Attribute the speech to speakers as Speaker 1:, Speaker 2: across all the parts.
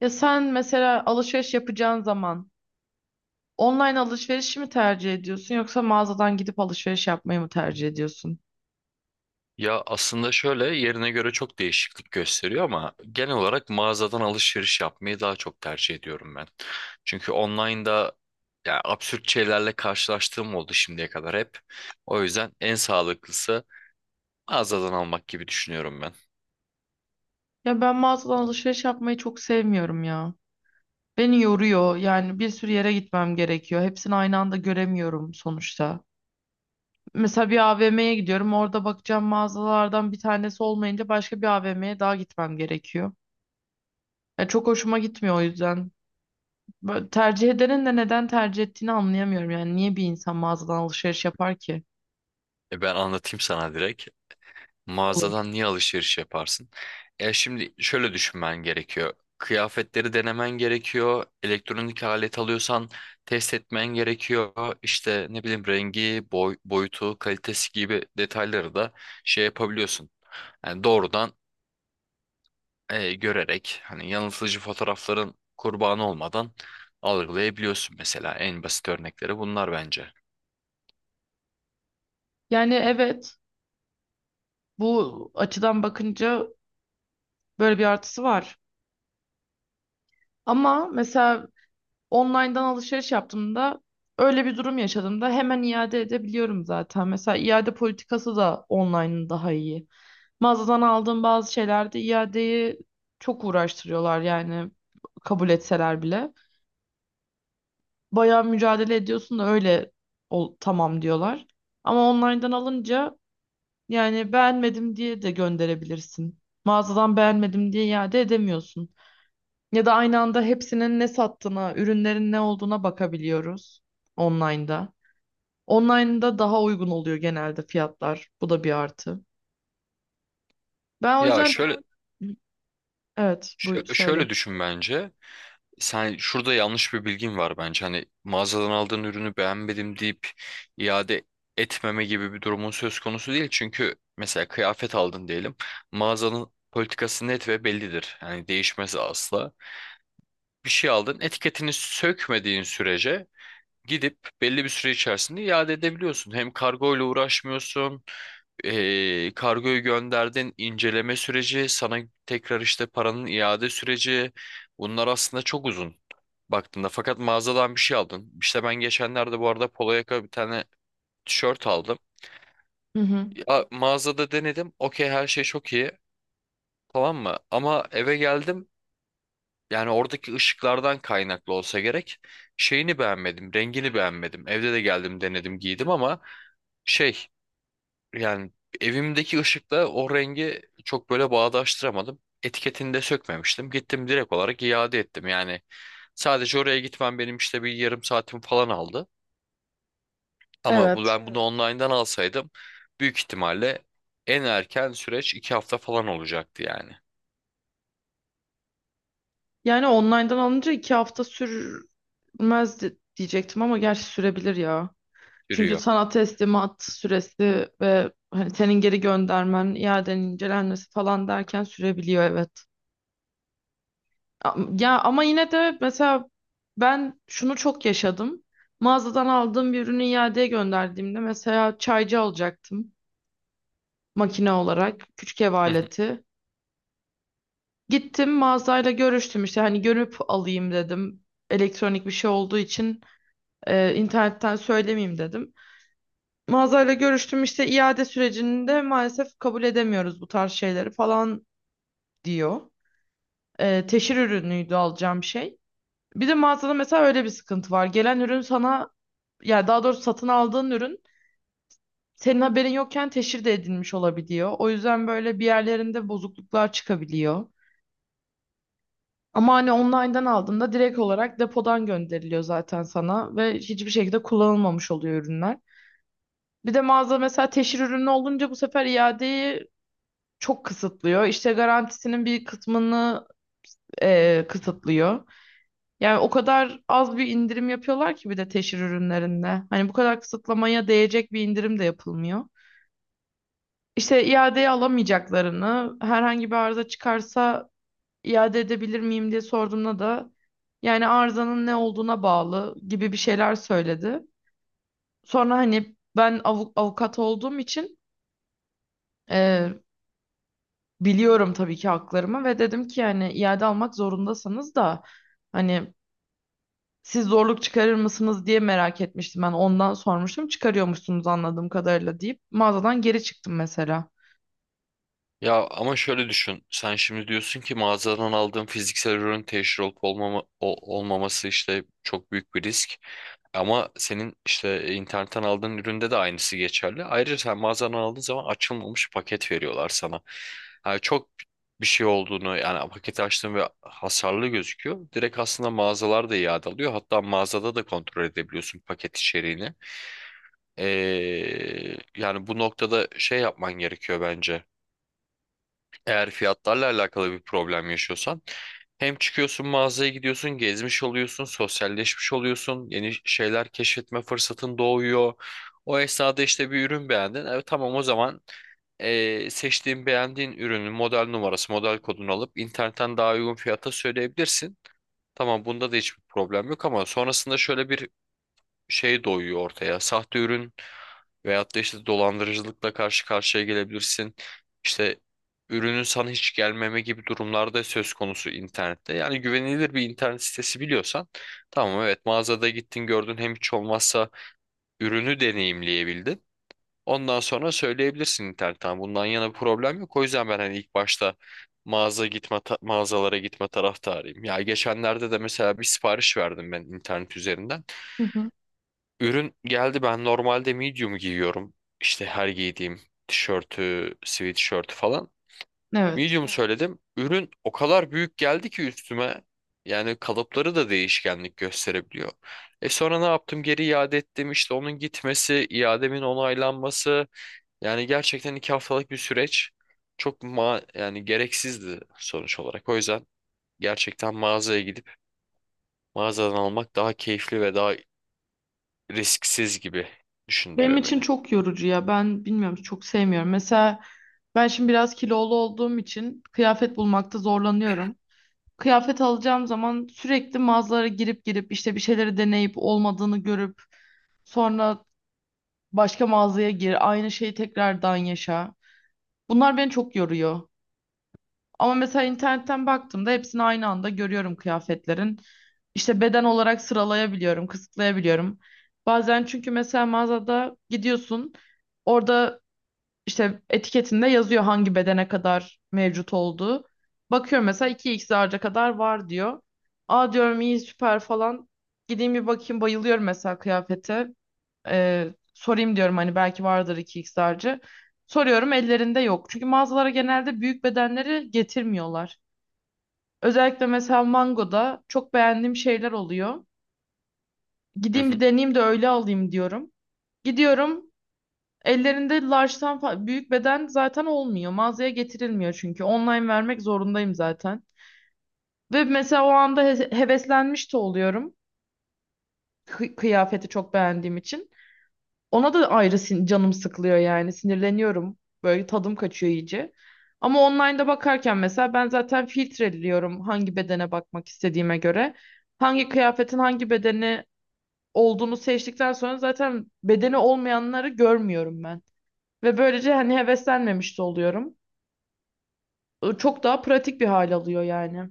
Speaker 1: Ya sen mesela alışveriş yapacağın zaman online alışverişi mi tercih ediyorsun yoksa mağazadan gidip alışveriş yapmayı mı tercih ediyorsun?
Speaker 2: Ya aslında şöyle yerine göre çok değişiklik gösteriyor ama genel olarak mağazadan alışveriş yapmayı daha çok tercih ediyorum ben. Çünkü online'da ya absürt şeylerle karşılaştığım oldu şimdiye kadar hep. O yüzden en sağlıklısı mağazadan almak gibi düşünüyorum ben.
Speaker 1: Ya ben mağazadan alışveriş yapmayı çok sevmiyorum ya. Beni yoruyor yani bir sürü yere gitmem gerekiyor. Hepsini aynı anda göremiyorum sonuçta. Mesela bir AVM'ye gidiyorum, orada bakacağım mağazalardan bir tanesi olmayınca başka bir AVM'ye daha gitmem gerekiyor. Ya çok hoşuma gitmiyor o yüzden. Böyle tercih edenin de neden tercih ettiğini anlayamıyorum, yani niye bir insan mağazadan alışveriş yapar ki?
Speaker 2: E ben anlatayım sana direkt. Mağazadan niye alışveriş yaparsın? E şimdi şöyle düşünmen gerekiyor. Kıyafetleri denemen gerekiyor. Elektronik alet alıyorsan test etmen gerekiyor. İşte ne bileyim rengi, boy, boyutu, kalitesi gibi detayları da şey yapabiliyorsun. Yani doğrudan görerek hani yanıltıcı fotoğrafların kurbanı olmadan algılayabiliyorsun mesela. En basit örnekleri bunlar bence.
Speaker 1: Yani evet, bu açıdan bakınca böyle bir artısı var. Ama mesela online'dan alışveriş yaptığımda öyle bir durum yaşadığımda hemen iade edebiliyorum zaten. Mesela iade politikası da online'ın daha iyi. Mağazadan aldığım bazı şeylerde iadeyi çok uğraştırıyorlar yani, kabul etseler bile. Bayağı mücadele ediyorsun da öyle ol, tamam diyorlar. Ama online'dan alınca yani beğenmedim diye de gönderebilirsin. Mağazadan beğenmedim diye iade edemiyorsun. Ya da aynı anda hepsinin ne sattığına, ürünlerin ne olduğuna bakabiliyoruz online'da. Online'da daha uygun oluyor genelde fiyatlar. Bu da bir artı. Ben o
Speaker 2: Ya
Speaker 1: yüzden evet bu söyle.
Speaker 2: şöyle düşün bence. Sen şurada yanlış bir bilgin var bence. Hani mağazadan aldığın ürünü beğenmedim deyip iade etmeme gibi bir durumun söz konusu değil. Çünkü mesela kıyafet aldın diyelim. Mağazanın politikası net ve bellidir. Yani değişmez asla. Bir şey aldın, etiketini sökmediğin sürece gidip belli bir süre içerisinde iade edebiliyorsun. Hem kargo ile uğraşmıyorsun. Kargoyu gönderdin, inceleme süreci, sana tekrar işte paranın iade süreci. Bunlar aslında çok uzun baktığında. Fakat mağazadan bir şey aldın. İşte ben geçenlerde bu arada polo yaka bir tane tişört aldım.
Speaker 1: Hı hı.
Speaker 2: Ya, mağazada denedim. Okey her şey çok iyi. Tamam mı? Ama eve geldim. Yani oradaki ışıklardan kaynaklı olsa gerek. Şeyini beğenmedim. Rengini beğenmedim. Evde de geldim denedim giydim ama şey yani evimdeki ışıkla o rengi çok böyle bağdaştıramadım. Etiketini de sökmemiştim. Gittim direkt olarak iade ettim. Yani sadece oraya gitmem benim işte bir yarım saatim falan aldı. Ama bu,
Speaker 1: Evet.
Speaker 2: ben bunu online'dan alsaydım büyük ihtimalle en erken süreç iki hafta falan olacaktı yani.
Speaker 1: Yani online'dan alınca iki hafta sürmez diyecektim ama gerçi sürebilir ya. Çünkü
Speaker 2: Sürüyor.
Speaker 1: sana teslimat süresi ve hani senin geri göndermen, iadeni incelenmesi falan derken sürebiliyor, evet. Ya ama yine de mesela ben şunu çok yaşadım. Mağazadan aldığım bir ürünü iadeye gönderdiğimde mesela çaycı alacaktım, makine olarak, küçük ev aleti. Gittim mağazayla görüştüm, işte hani görüp alayım dedim. Elektronik bir şey olduğu için internetten söylemeyeyim dedim. Mağazayla görüştüm, işte iade sürecinde maalesef kabul edemiyoruz bu tarz şeyleri falan diyor. Teşhir ürünüydü alacağım şey. Bir de mağazada mesela öyle bir sıkıntı var. Gelen ürün sana, yani daha doğrusu satın aldığın ürün, senin haberin yokken teşhir de edilmiş olabiliyor. O yüzden böyle bir yerlerinde bozukluklar çıkabiliyor. Ama hani online'dan aldığında direkt olarak depodan gönderiliyor zaten sana ve hiçbir şekilde kullanılmamış oluyor ürünler. Bir de mağaza mesela teşhir ürünü olunca bu sefer iadeyi çok kısıtlıyor. İşte garantisinin bir kısmını kısıtlıyor. Yani o kadar az bir indirim yapıyorlar ki bir de teşhir ürünlerinde. Hani bu kadar kısıtlamaya değecek bir indirim de yapılmıyor. İşte iadeye alamayacaklarını, herhangi bir arıza çıkarsa iade edebilir miyim diye sorduğumda da yani arızanın ne olduğuna bağlı gibi bir şeyler söyledi. Sonra hani ben avukat olduğum için e, biliyorum tabii ki haklarımı ve dedim ki yani iade almak zorundasanız da hani siz zorluk çıkarır mısınız diye merak etmiştim ben, ondan sormuştum, çıkarıyormuşsunuz anladığım kadarıyla deyip mağazadan geri çıktım mesela.
Speaker 2: Ya ama şöyle düşün. Sen şimdi diyorsun ki mağazadan aldığım fiziksel ürün teşhir olup olmama, olmaması işte çok büyük bir risk. Ama senin işte internetten aldığın üründe de aynısı geçerli. Ayrıca sen mağazadan aldığın zaman açılmamış paket veriyorlar sana. Yani çok bir şey olduğunu yani paketi açtığın ve hasarlı gözüküyor. Direkt aslında mağazalar da iade alıyor. Hatta mağazada da kontrol edebiliyorsun paket içeriğini. Ee, Yani bu noktada şey yapman gerekiyor bence. Eğer fiyatlarla alakalı bir problem yaşıyorsan hem çıkıyorsun mağazaya gidiyorsun, gezmiş oluyorsun, sosyalleşmiş oluyorsun, yeni şeyler keşfetme fırsatın doğuyor. O esnada işte bir ürün beğendin. Evet tamam o zaman seçtiğin beğendiğin ürünün model numarası, model kodunu alıp internetten daha uygun fiyata söyleyebilirsin. Tamam bunda da hiçbir problem yok ama sonrasında şöyle bir şey doyuyor ortaya. Sahte ürün veyahut da işte dolandırıcılıkla karşı karşıya gelebilirsin. İşte ürünün sana hiç gelmeme gibi durumlarda söz konusu internette. Yani güvenilir bir internet sitesi biliyorsan tamam evet mağazada gittin gördün hem hiç olmazsa ürünü deneyimleyebildin. Ondan sonra söyleyebilirsin internetten. "Tamam, bundan yana bir problem yok. O yüzden ben hani ilk başta mağazalara gitme taraftarıyım. Ya geçenlerde de mesela bir sipariş verdim ben internet üzerinden.
Speaker 1: Hı hı.
Speaker 2: Ürün geldi, ben normalde medium giyiyorum. İşte her giydiğim tişörtü, sweatshirt falan.
Speaker 1: Evet.
Speaker 2: Medium söyledim. Ürün o kadar büyük geldi ki üstüme. Yani kalıpları da değişkenlik gösterebiliyor. E sonra ne yaptım? Geri iade ettim. İşte onun gitmesi, iademin onaylanması. Yani gerçekten iki haftalık bir süreç. Çok yani gereksizdi sonuç olarak. O yüzden gerçekten mağazaya gidip mağazadan almak daha keyifli ve daha risksiz gibi
Speaker 1: Benim
Speaker 2: düşündürüyor
Speaker 1: için
Speaker 2: beni.
Speaker 1: çok yorucu ya. Ben bilmiyorum, çok sevmiyorum. Mesela ben şimdi biraz kilolu olduğum için kıyafet bulmakta zorlanıyorum. Kıyafet alacağım zaman sürekli mağazalara girip girip işte bir şeyleri deneyip olmadığını görüp sonra başka mağazaya gir, aynı şeyi tekrardan yaşa. Bunlar beni çok yoruyor. Ama mesela internetten baktığımda hepsini aynı anda görüyorum kıyafetlerin. İşte beden olarak sıralayabiliyorum, kısıtlayabiliyorum. Bazen çünkü mesela mağazada gidiyorsun, orada işte etiketinde yazıyor hangi bedene kadar mevcut olduğu. Bakıyorum mesela iki x large'a kadar var diyor. Aa diyorum iyi süper falan. Gideyim bir bakayım, bayılıyorum mesela kıyafete. Sorayım diyorum hani belki vardır iki xlerci. Soruyorum, ellerinde yok. Çünkü mağazalara genelde büyük bedenleri getirmiyorlar. Özellikle mesela Mango'da çok beğendiğim şeyler oluyor. Gideyim bir deneyeyim de öyle alayım diyorum. Gidiyorum, ellerinde large'tan büyük beden zaten olmuyor. Mağazaya getirilmiyor çünkü. Online vermek zorundayım zaten. Ve mesela o anda heveslenmiş de oluyorum, kıyafeti çok beğendiğim için. Ona da ayrı canım sıkılıyor yani. Sinirleniyorum. Böyle tadım kaçıyor iyice. Ama online'da bakarken mesela ben zaten filtreliyorum hangi bedene bakmak istediğime göre. Hangi kıyafetin hangi bedeni olduğunu seçtikten sonra zaten bedeni olmayanları görmüyorum ben. Ve böylece hani heveslenmemiş de oluyorum. Çok daha pratik bir hal alıyor yani.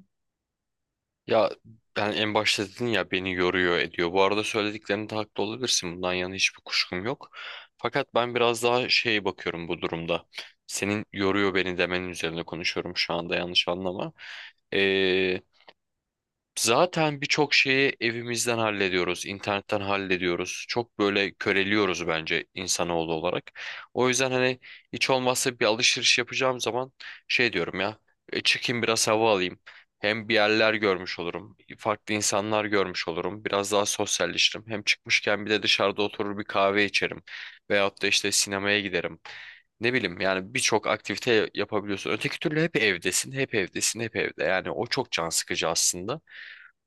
Speaker 2: Ya ben en başta dedin ya beni yoruyor ediyor. Bu arada söylediklerinde haklı olabilirsin. Bundan yana hiçbir kuşkum yok. Fakat ben biraz daha şey bakıyorum bu durumda. Senin yoruyor beni demenin üzerine konuşuyorum şu anda, yanlış anlama. Ee, Zaten birçok şeyi evimizden hallediyoruz, internetten hallediyoruz. Çok böyle köreliyoruz bence insanoğlu olarak. O yüzden hani hiç olmazsa bir alışveriş yapacağım zaman şey diyorum ya, "E, çıkayım biraz hava alayım. Hem bir yerler görmüş olurum, farklı insanlar görmüş olurum, biraz daha sosyalleşirim. Hem çıkmışken bir de dışarıda oturur bir kahve içerim veyahut da işte sinemaya giderim. Ne bileyim yani birçok aktivite yapabiliyorsun. Öteki türlü hep evdesin, hep evdesin, hep evde. Yani o çok can sıkıcı aslında.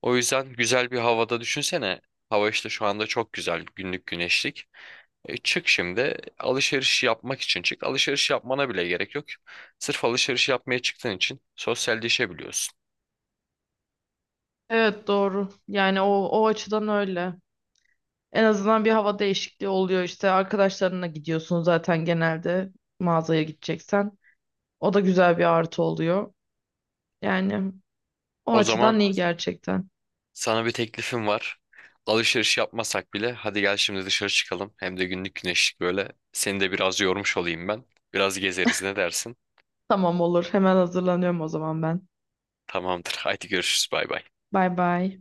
Speaker 2: O yüzden güzel bir havada düşünsene. Hava işte şu anda çok güzel. Günlük güneşlik. E, çık şimdi alışveriş yapmak için çık. Alışveriş yapmana bile gerek yok. Sırf alışveriş yapmaya çıktığın için sosyalleşebiliyorsun.
Speaker 1: Evet, doğru. Yani o, o açıdan öyle. En azından bir hava değişikliği oluyor işte. Arkadaşlarınla gidiyorsun zaten genelde mağazaya gideceksen. O da güzel bir artı oluyor. Yani o
Speaker 2: O zaman
Speaker 1: açıdan iyi gerçekten.
Speaker 2: Sana bir teklifim var. Alışveriş yapmasak bile hadi gel şimdi dışarı çıkalım. Hem de günlük güneşlik böyle. Seni de biraz yormuş olayım ben. Biraz gezeriz, ne dersin?
Speaker 1: Tamam, olur. Hemen hazırlanıyorum o zaman ben.
Speaker 2: Tamamdır. Haydi görüşürüz. Bay bay.
Speaker 1: Bay bay.